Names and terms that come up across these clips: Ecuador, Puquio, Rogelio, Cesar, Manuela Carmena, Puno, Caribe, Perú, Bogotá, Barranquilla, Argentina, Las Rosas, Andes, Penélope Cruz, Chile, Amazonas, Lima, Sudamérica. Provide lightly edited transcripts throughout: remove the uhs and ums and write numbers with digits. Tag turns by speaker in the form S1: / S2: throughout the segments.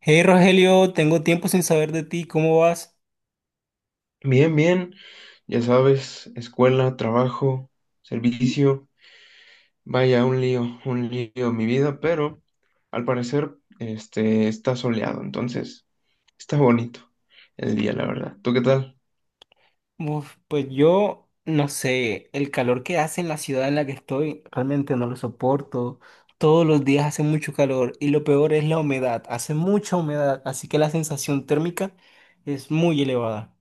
S1: Hey Rogelio, tengo tiempo sin saber de ti, ¿cómo vas?
S2: Bien, bien, ya sabes, escuela, trabajo, servicio, vaya, un lío mi vida, pero al parecer este está soleado, entonces está bonito el día, la verdad. ¿Tú qué tal?
S1: Uf, pues yo no sé, el calor que hace en la ciudad en la que estoy realmente no lo soporto. Todos los días hace mucho calor y lo peor es la humedad, hace mucha humedad, así que la sensación térmica es muy elevada.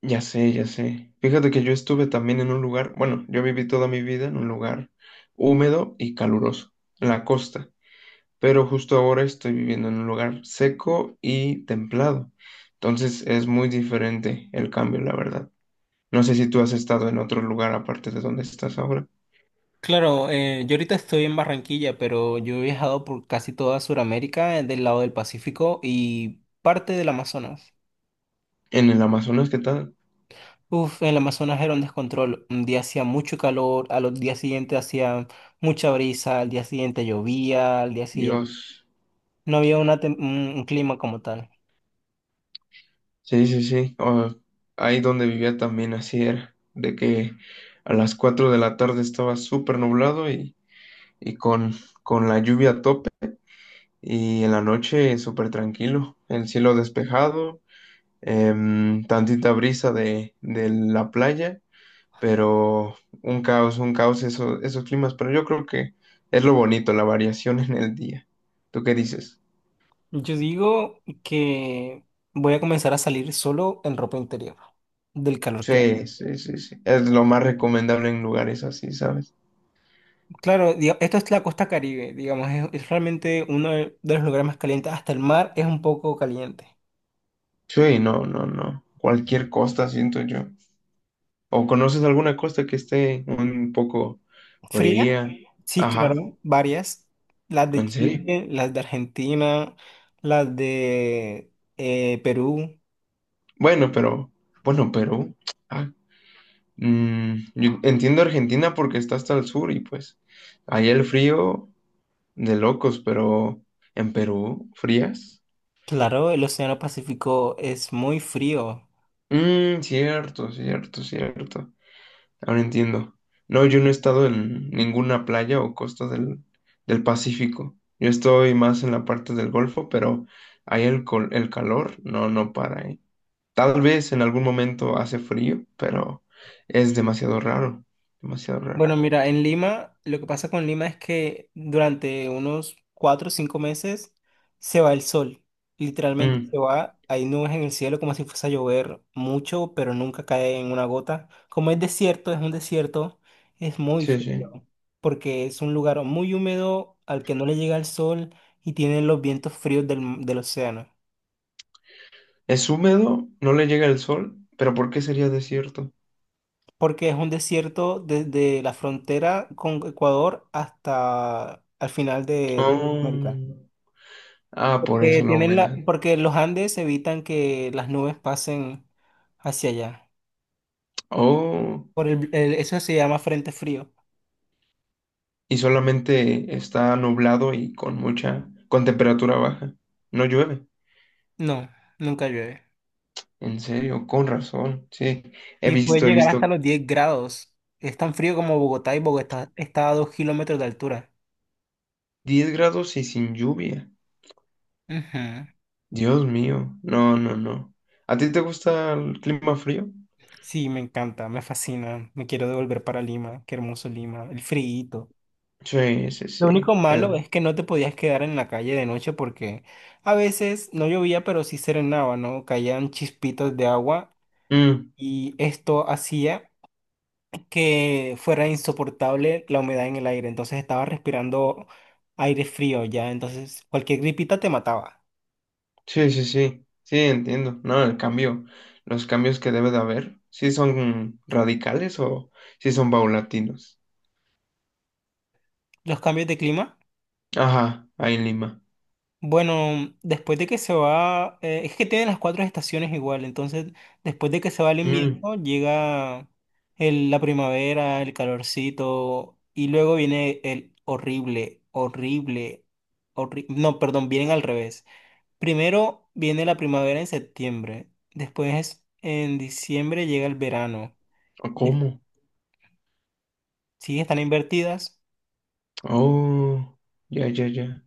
S2: Ya sé, ya sé. Fíjate que yo estuve también en un lugar, bueno, yo viví toda mi vida en un lugar húmedo y caluroso, en la costa, pero justo ahora estoy viviendo en un lugar seco y templado, entonces es muy diferente el cambio, la verdad. No sé si tú has estado en otro lugar aparte de donde estás ahora.
S1: Claro, yo ahorita estoy en Barranquilla, pero yo he viajado por casi toda Sudamérica, del lado del Pacífico y parte del Amazonas.
S2: En el Amazonas, ¿qué tal?
S1: Uf, el Amazonas era un descontrol. Un día hacía mucho calor, a los días siguientes hacía mucha brisa, al día siguiente llovía, al día siguiente
S2: Dios.
S1: no había una tem- un clima como tal.
S2: Sí, sí, sí. Ah, ahí donde vivía también así era, de que a las 4 de la tarde estaba súper nublado y con la lluvia a tope y en la noche súper tranquilo, el cielo despejado, tantita brisa de la playa pero un caos eso, esos climas, pero yo creo que es lo bonito, la variación en el día. ¿Tú qué dices?
S1: Yo digo que voy a comenzar a salir solo en ropa interior del calor que hace.
S2: Sí, sí, sí, sí. Es lo más recomendable en lugares así, ¿sabes?
S1: Claro, esto es la costa Caribe, digamos, es realmente uno de los lugares más calientes. Hasta el mar es un poco caliente.
S2: Sí, no, no, no. Cualquier costa, siento yo. ¿O conoces alguna costa que esté un poco
S1: Fría,
S2: fría?
S1: sí,
S2: Ajá,
S1: claro, varias. Las de
S2: ¿en serio?
S1: Chile, las de Argentina, las de Perú.
S2: Bueno, pero, bueno, Perú. Ah, yo entiendo Argentina porque está hasta el sur y pues ahí el frío de locos, pero en Perú, frías.
S1: Claro, el Océano Pacífico es muy frío.
S2: Mmm, cierto, cierto, cierto. Ahora entiendo. No, yo no he estado en ninguna playa o costa del Pacífico. Yo estoy más en la parte del Golfo, pero ahí el calor no para, ¿eh? Tal vez en algún momento hace frío, pero es demasiado raro, demasiado raro.
S1: Bueno, mira, en Lima, lo que pasa con Lima es que durante unos 4 o 5 meses se va el sol. Literalmente
S2: Mm,
S1: se va, hay nubes en el cielo como si fuese a llover mucho, pero nunca cae en una gota. Como es desierto, es un desierto, es muy
S2: sí,
S1: frío,
S2: sí.
S1: porque es un lugar muy húmedo al que no le llega el sol y tiene los vientos fríos del océano.
S2: Es húmedo, no le llega el sol, pero ¿por qué sería desierto?
S1: Porque es un desierto desde la frontera con Ecuador hasta al final de América.
S2: Oh. Ah, por
S1: Porque
S2: eso la humedad.
S1: porque los Andes evitan que las nubes pasen hacia allá.
S2: Oh,
S1: Eso se llama frente frío.
S2: y solamente está nublado y con temperatura baja. No llueve.
S1: No, nunca llueve.
S2: En serio, con razón. Sí, he
S1: Y puede
S2: visto, he
S1: llegar hasta
S2: visto
S1: los 10 grados. Es tan frío como Bogotá y Bogotá está a 2 kilómetros de altura.
S2: 10 grados y sin lluvia.
S1: Ujú.
S2: Dios mío, no, no, no. ¿A ti te gusta el clima frío?
S1: Sí, me encanta, me fascina. Me quiero devolver para Lima. Qué hermoso Lima. El friíto.
S2: Sí, sí,
S1: Lo único
S2: sí.
S1: malo es que no te podías quedar en la calle de noche porque a veces no llovía, pero sí serenaba, ¿no? Caían chispitos de agua
S2: Mm,
S1: y esto hacía que fuera insoportable la humedad en el aire. Entonces estaba respirando aire frío ya. Entonces cualquier gripita te mataba.
S2: sí, sí, sí. Sí, entiendo. No, el cambio, los cambios que debe de haber, ¿sí son radicales o sí son paulatinos?
S1: Los cambios de clima.
S2: Ajá, ahí en Lima.
S1: Bueno, después de que se va, es que tienen las cuatro estaciones igual. Entonces, después de que se va el
S2: Mm,
S1: invierno, llega la primavera, el calorcito, y luego viene el horrible, horrible, horrible. No, perdón, vienen al revés. Primero viene la primavera en septiembre, después en diciembre llega el verano.
S2: ¿o
S1: De-
S2: cómo?
S1: Sí, están invertidas.
S2: Oh, ya, ya, ya.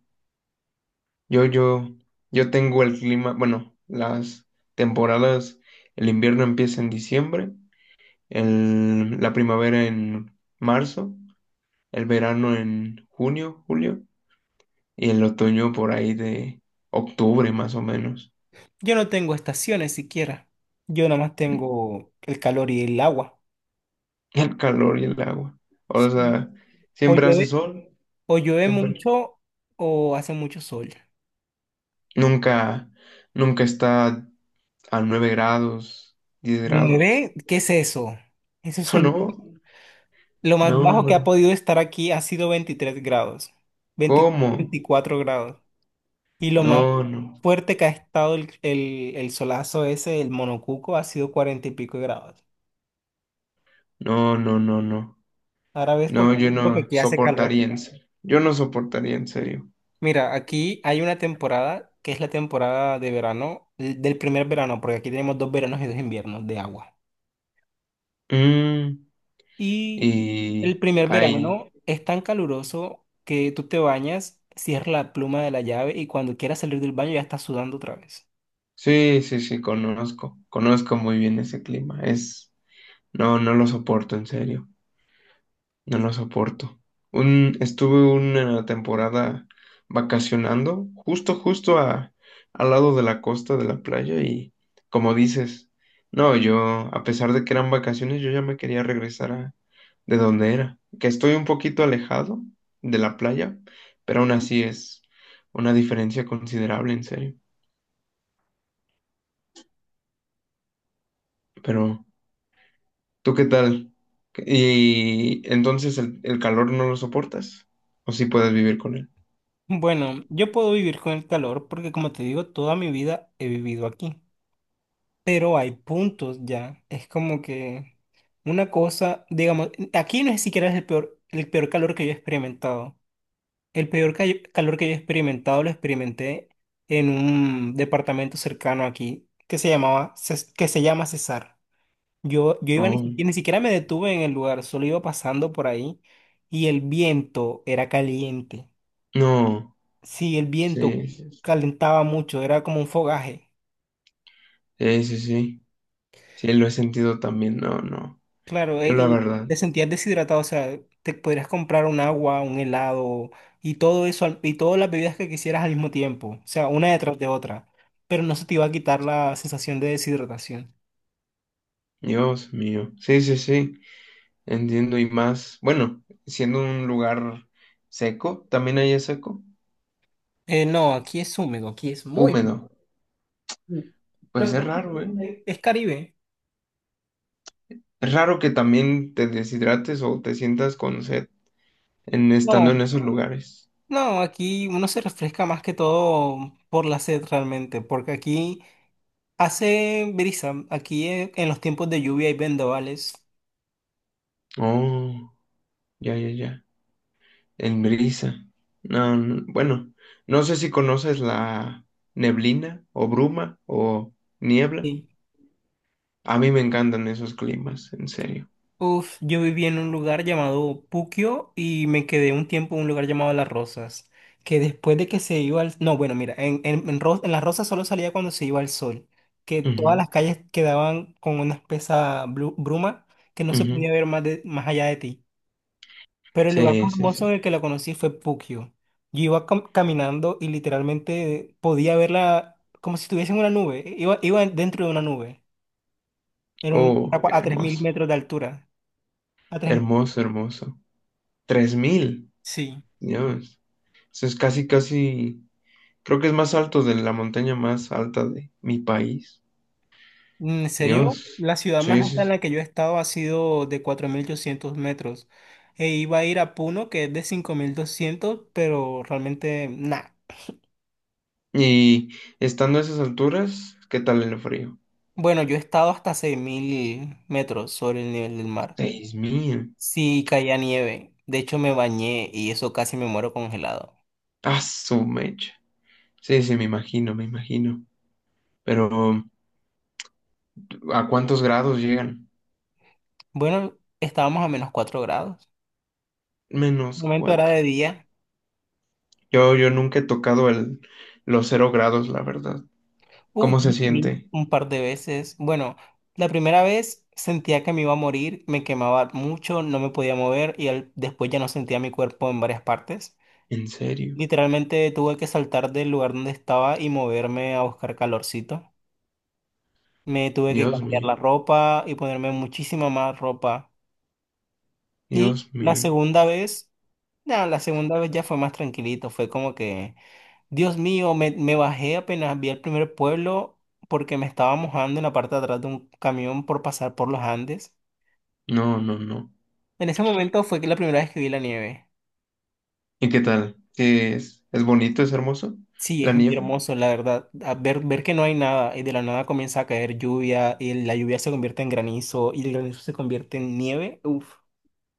S2: Yo, yo, yo tengo el clima, bueno, las temporadas, el invierno empieza en diciembre, la primavera en marzo, el verano en junio, julio, y el otoño por ahí de octubre más o menos.
S1: Yo no tengo estaciones siquiera. Yo nada más tengo el calor y el agua.
S2: El calor y el agua. O
S1: Sí.
S2: sea,
S1: O
S2: siempre hace
S1: llueve,
S2: sol,
S1: o llueve
S2: siempre.
S1: mucho o hace mucho sol.
S2: Nunca, nunca está a 9 grados, 10 grados.
S1: ¿Nueve? ¿Qué es eso? Eso es
S2: No,
S1: lo más
S2: no,
S1: bajo que ha
S2: hombre.
S1: podido estar aquí ha sido 23 grados. 23,
S2: ¿Cómo?
S1: 24 grados. Y lo más
S2: No, no,
S1: fuerte que ha estado el solazo ese, el monocuco, ha sido cuarenta y pico de grados.
S2: no, no, no, no.
S1: Ahora ves por
S2: No,
S1: qué
S2: yo
S1: porque
S2: no
S1: aquí hace calor.
S2: soportaría en serio. Yo no soportaría en serio.
S1: Mira, aquí hay una temporada que es la temporada de verano, del primer verano, porque aquí tenemos dos veranos y dos inviernos de agua.
S2: Mm,
S1: Y el
S2: y
S1: primer
S2: ahí.
S1: verano es tan caluroso que tú te bañas, cierras la pluma de la llave y cuando quieras salir del baño ya estás sudando otra vez.
S2: Sí, sí, sí, conozco. Conozco muy bien ese clima. Es. No, no lo soporto en serio. No lo soporto. Estuve una temporada vacacionando justo, justo al lado de la costa de la playa y como dices, no, yo, a pesar de que eran vacaciones, yo ya me quería regresar a de donde era, que estoy un poquito alejado de la playa, pero aún así es una diferencia considerable, en serio. Pero, ¿tú qué tal? Y entonces el calor no lo soportas, o si puedes vivir con él.
S1: Bueno, yo puedo vivir con el calor porque como te digo, toda mi vida he vivido aquí, pero hay puntos ya. Es como que una cosa, digamos, aquí no es siquiera es el peor calor que yo he experimentado. El peor calor que yo he experimentado lo experimenté en un departamento cercano aquí que se que se llama Cesar. Yo iba ni
S2: Oh,
S1: siquiera, ni siquiera me detuve en el lugar, solo iba pasando por ahí y el viento era caliente.
S2: no.
S1: Sí, el viento
S2: Sí, sí,
S1: calentaba mucho, era como un fogaje.
S2: sí, sí, sí, sí, lo he sentido también, no, no,
S1: Claro,
S2: yo la
S1: y
S2: verdad,
S1: te sentías deshidratado, o sea, te podrías comprar un agua, un helado y todo eso, y todas las bebidas que quisieras al mismo tiempo, o sea, una detrás de otra, pero no se te iba a quitar la sensación de deshidratación.
S2: Dios mío, sí, sí, sí, entiendo y más, bueno, siendo un lugar seco, también hay seco,
S1: No, aquí es húmedo, aquí es muy
S2: húmedo,
S1: húmedo. Lo
S2: pues
S1: que
S2: es
S1: pasa es
S2: raro, ¿eh?
S1: que, es Caribe.
S2: Es raro que también te deshidrates o te sientas con sed en
S1: No,
S2: estando en esos lugares.
S1: no, aquí uno se refresca más que todo por la sed realmente, porque aquí hace brisa, aquí en los tiempos de lluvia hay vendavales.
S2: Oh, ya, ya, ya, en brisa, no, no, bueno, no sé si conoces la neblina o bruma o niebla.
S1: Sí,
S2: A mí me encantan esos climas, en serio.
S1: uf, yo viví en un lugar llamado Puquio y me quedé un tiempo en un lugar llamado Las Rosas, que después de que se iba No, bueno, mira, en Las Rosas solo salía cuando se iba el sol, que todas
S2: Ujú,
S1: las calles quedaban con una espesa bruma que no se
S2: ujú.
S1: podía ver más, más allá de ti. Pero el lugar
S2: Sí,
S1: más
S2: sí,
S1: hermoso en
S2: sí.
S1: el que la conocí fue Puquio. Yo iba caminando y literalmente podía verla como si estuviese en una nube, iba dentro de una nube, era
S2: Oh,
S1: a 3.000
S2: hermoso,
S1: metros de altura. A tres.
S2: hermoso, hermoso. 3000,
S1: Sí.
S2: Dios. Eso es casi, casi, creo que es más alto de la montaña más alta de mi país.
S1: Mm, ¿en serio?
S2: Dios.
S1: La ciudad más
S2: Sí, sí.
S1: alta en
S2: Sí.
S1: la que yo he estado ha sido de 4.800 metros. E iba a ir a Puno, que es de 5.200, pero realmente nada.
S2: Y estando a esas alturas, ¿qué tal el frío?
S1: Bueno, yo he estado hasta 6.000 metros sobre el nivel del mar.
S2: 6000.
S1: Sí, caía nieve. De hecho, me bañé y eso casi me muero congelado.
S2: Ah, su mecha. Sí, sí, me imagino, me imagino. Pero, ¿a cuántos grados llegan?
S1: Bueno, estábamos a -4 grados. Un
S2: Menos
S1: momento era
S2: cuatro.
S1: de día.
S2: Yo nunca he tocado los 0 grados, la verdad.
S1: Uy,
S2: ¿Cómo se
S1: sí, sí,
S2: siente?
S1: un par de veces. Bueno, la primera vez sentía que me iba a morir, me quemaba mucho, no me podía mover y después ya no sentía mi cuerpo en varias partes.
S2: En serio.
S1: Literalmente tuve que saltar del lugar donde estaba y moverme a buscar calorcito. Me tuve que
S2: Dios
S1: cambiar la
S2: mío.
S1: ropa y ponerme muchísima más ropa. Y
S2: Dios
S1: la
S2: mío.
S1: segunda vez. No, la segunda vez ya fue más tranquilito, fue como que, Dios mío, me bajé apenas vi el primer pueblo porque me estaba mojando en la parte de atrás de un camión por pasar por los Andes.
S2: No, no, no.
S1: En ese momento fue que la primera vez que vi la nieve.
S2: ¿Y qué tal? ¿Qué ¿Es bonito? ¿Es hermoso?
S1: Sí,
S2: La
S1: es muy
S2: nieve.
S1: hermoso, la verdad. A ver, ver que no hay nada y de la nada comienza a caer lluvia y la lluvia se convierte en granizo y el granizo se convierte en nieve. Uf,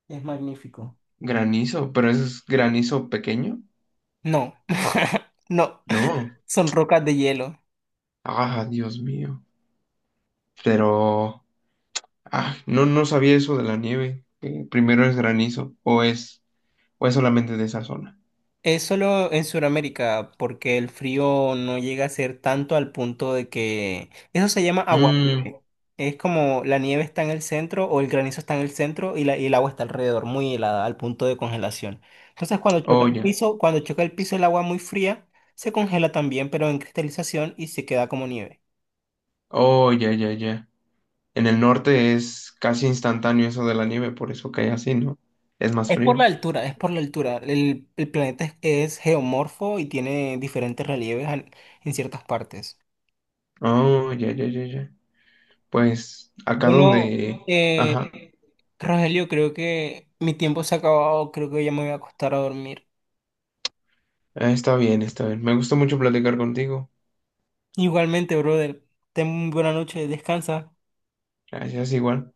S1: es magnífico.
S2: Granizo. ¿Pero ese es granizo pequeño?
S1: No, no,
S2: No.
S1: son rocas de hielo.
S2: Ah, Dios mío. Pero. Ah, no, no sabía eso de la nieve, que primero es granizo. ¿O es solamente de esa zona?
S1: Es solo en Sudamérica, porque el frío no llega a ser tanto al punto de que. Eso se llama
S2: Mm,
S1: aguanieve. Es como la nieve está en el centro o el granizo está en el centro y el agua está alrededor, muy helada, al punto de congelación. Entonces, cuando choca
S2: oh,
S1: el
S2: ya.
S1: piso, cuando choca el piso el agua muy fría, se congela también, pero en cristalización y se queda como nieve.
S2: Oh, ya, ya, ya. En el norte es casi instantáneo eso de la nieve, por eso cae así, ¿no? Es más
S1: Es por la
S2: frío.
S1: altura, es por la altura. El planeta es geomorfo y tiene diferentes relieves en ciertas partes.
S2: Oh, ya, ya, ya, ya. Pues acá
S1: Bueno,
S2: donde.
S1: eh,
S2: Ajá.
S1: Rogelio, creo que mi tiempo se ha acabado, creo que ya me voy a acostar a dormir.
S2: Ah, está bien, está bien. Me gustó mucho platicar contigo.
S1: Igualmente, brother, ten muy buena noche, descansa.
S2: Gracias, igual.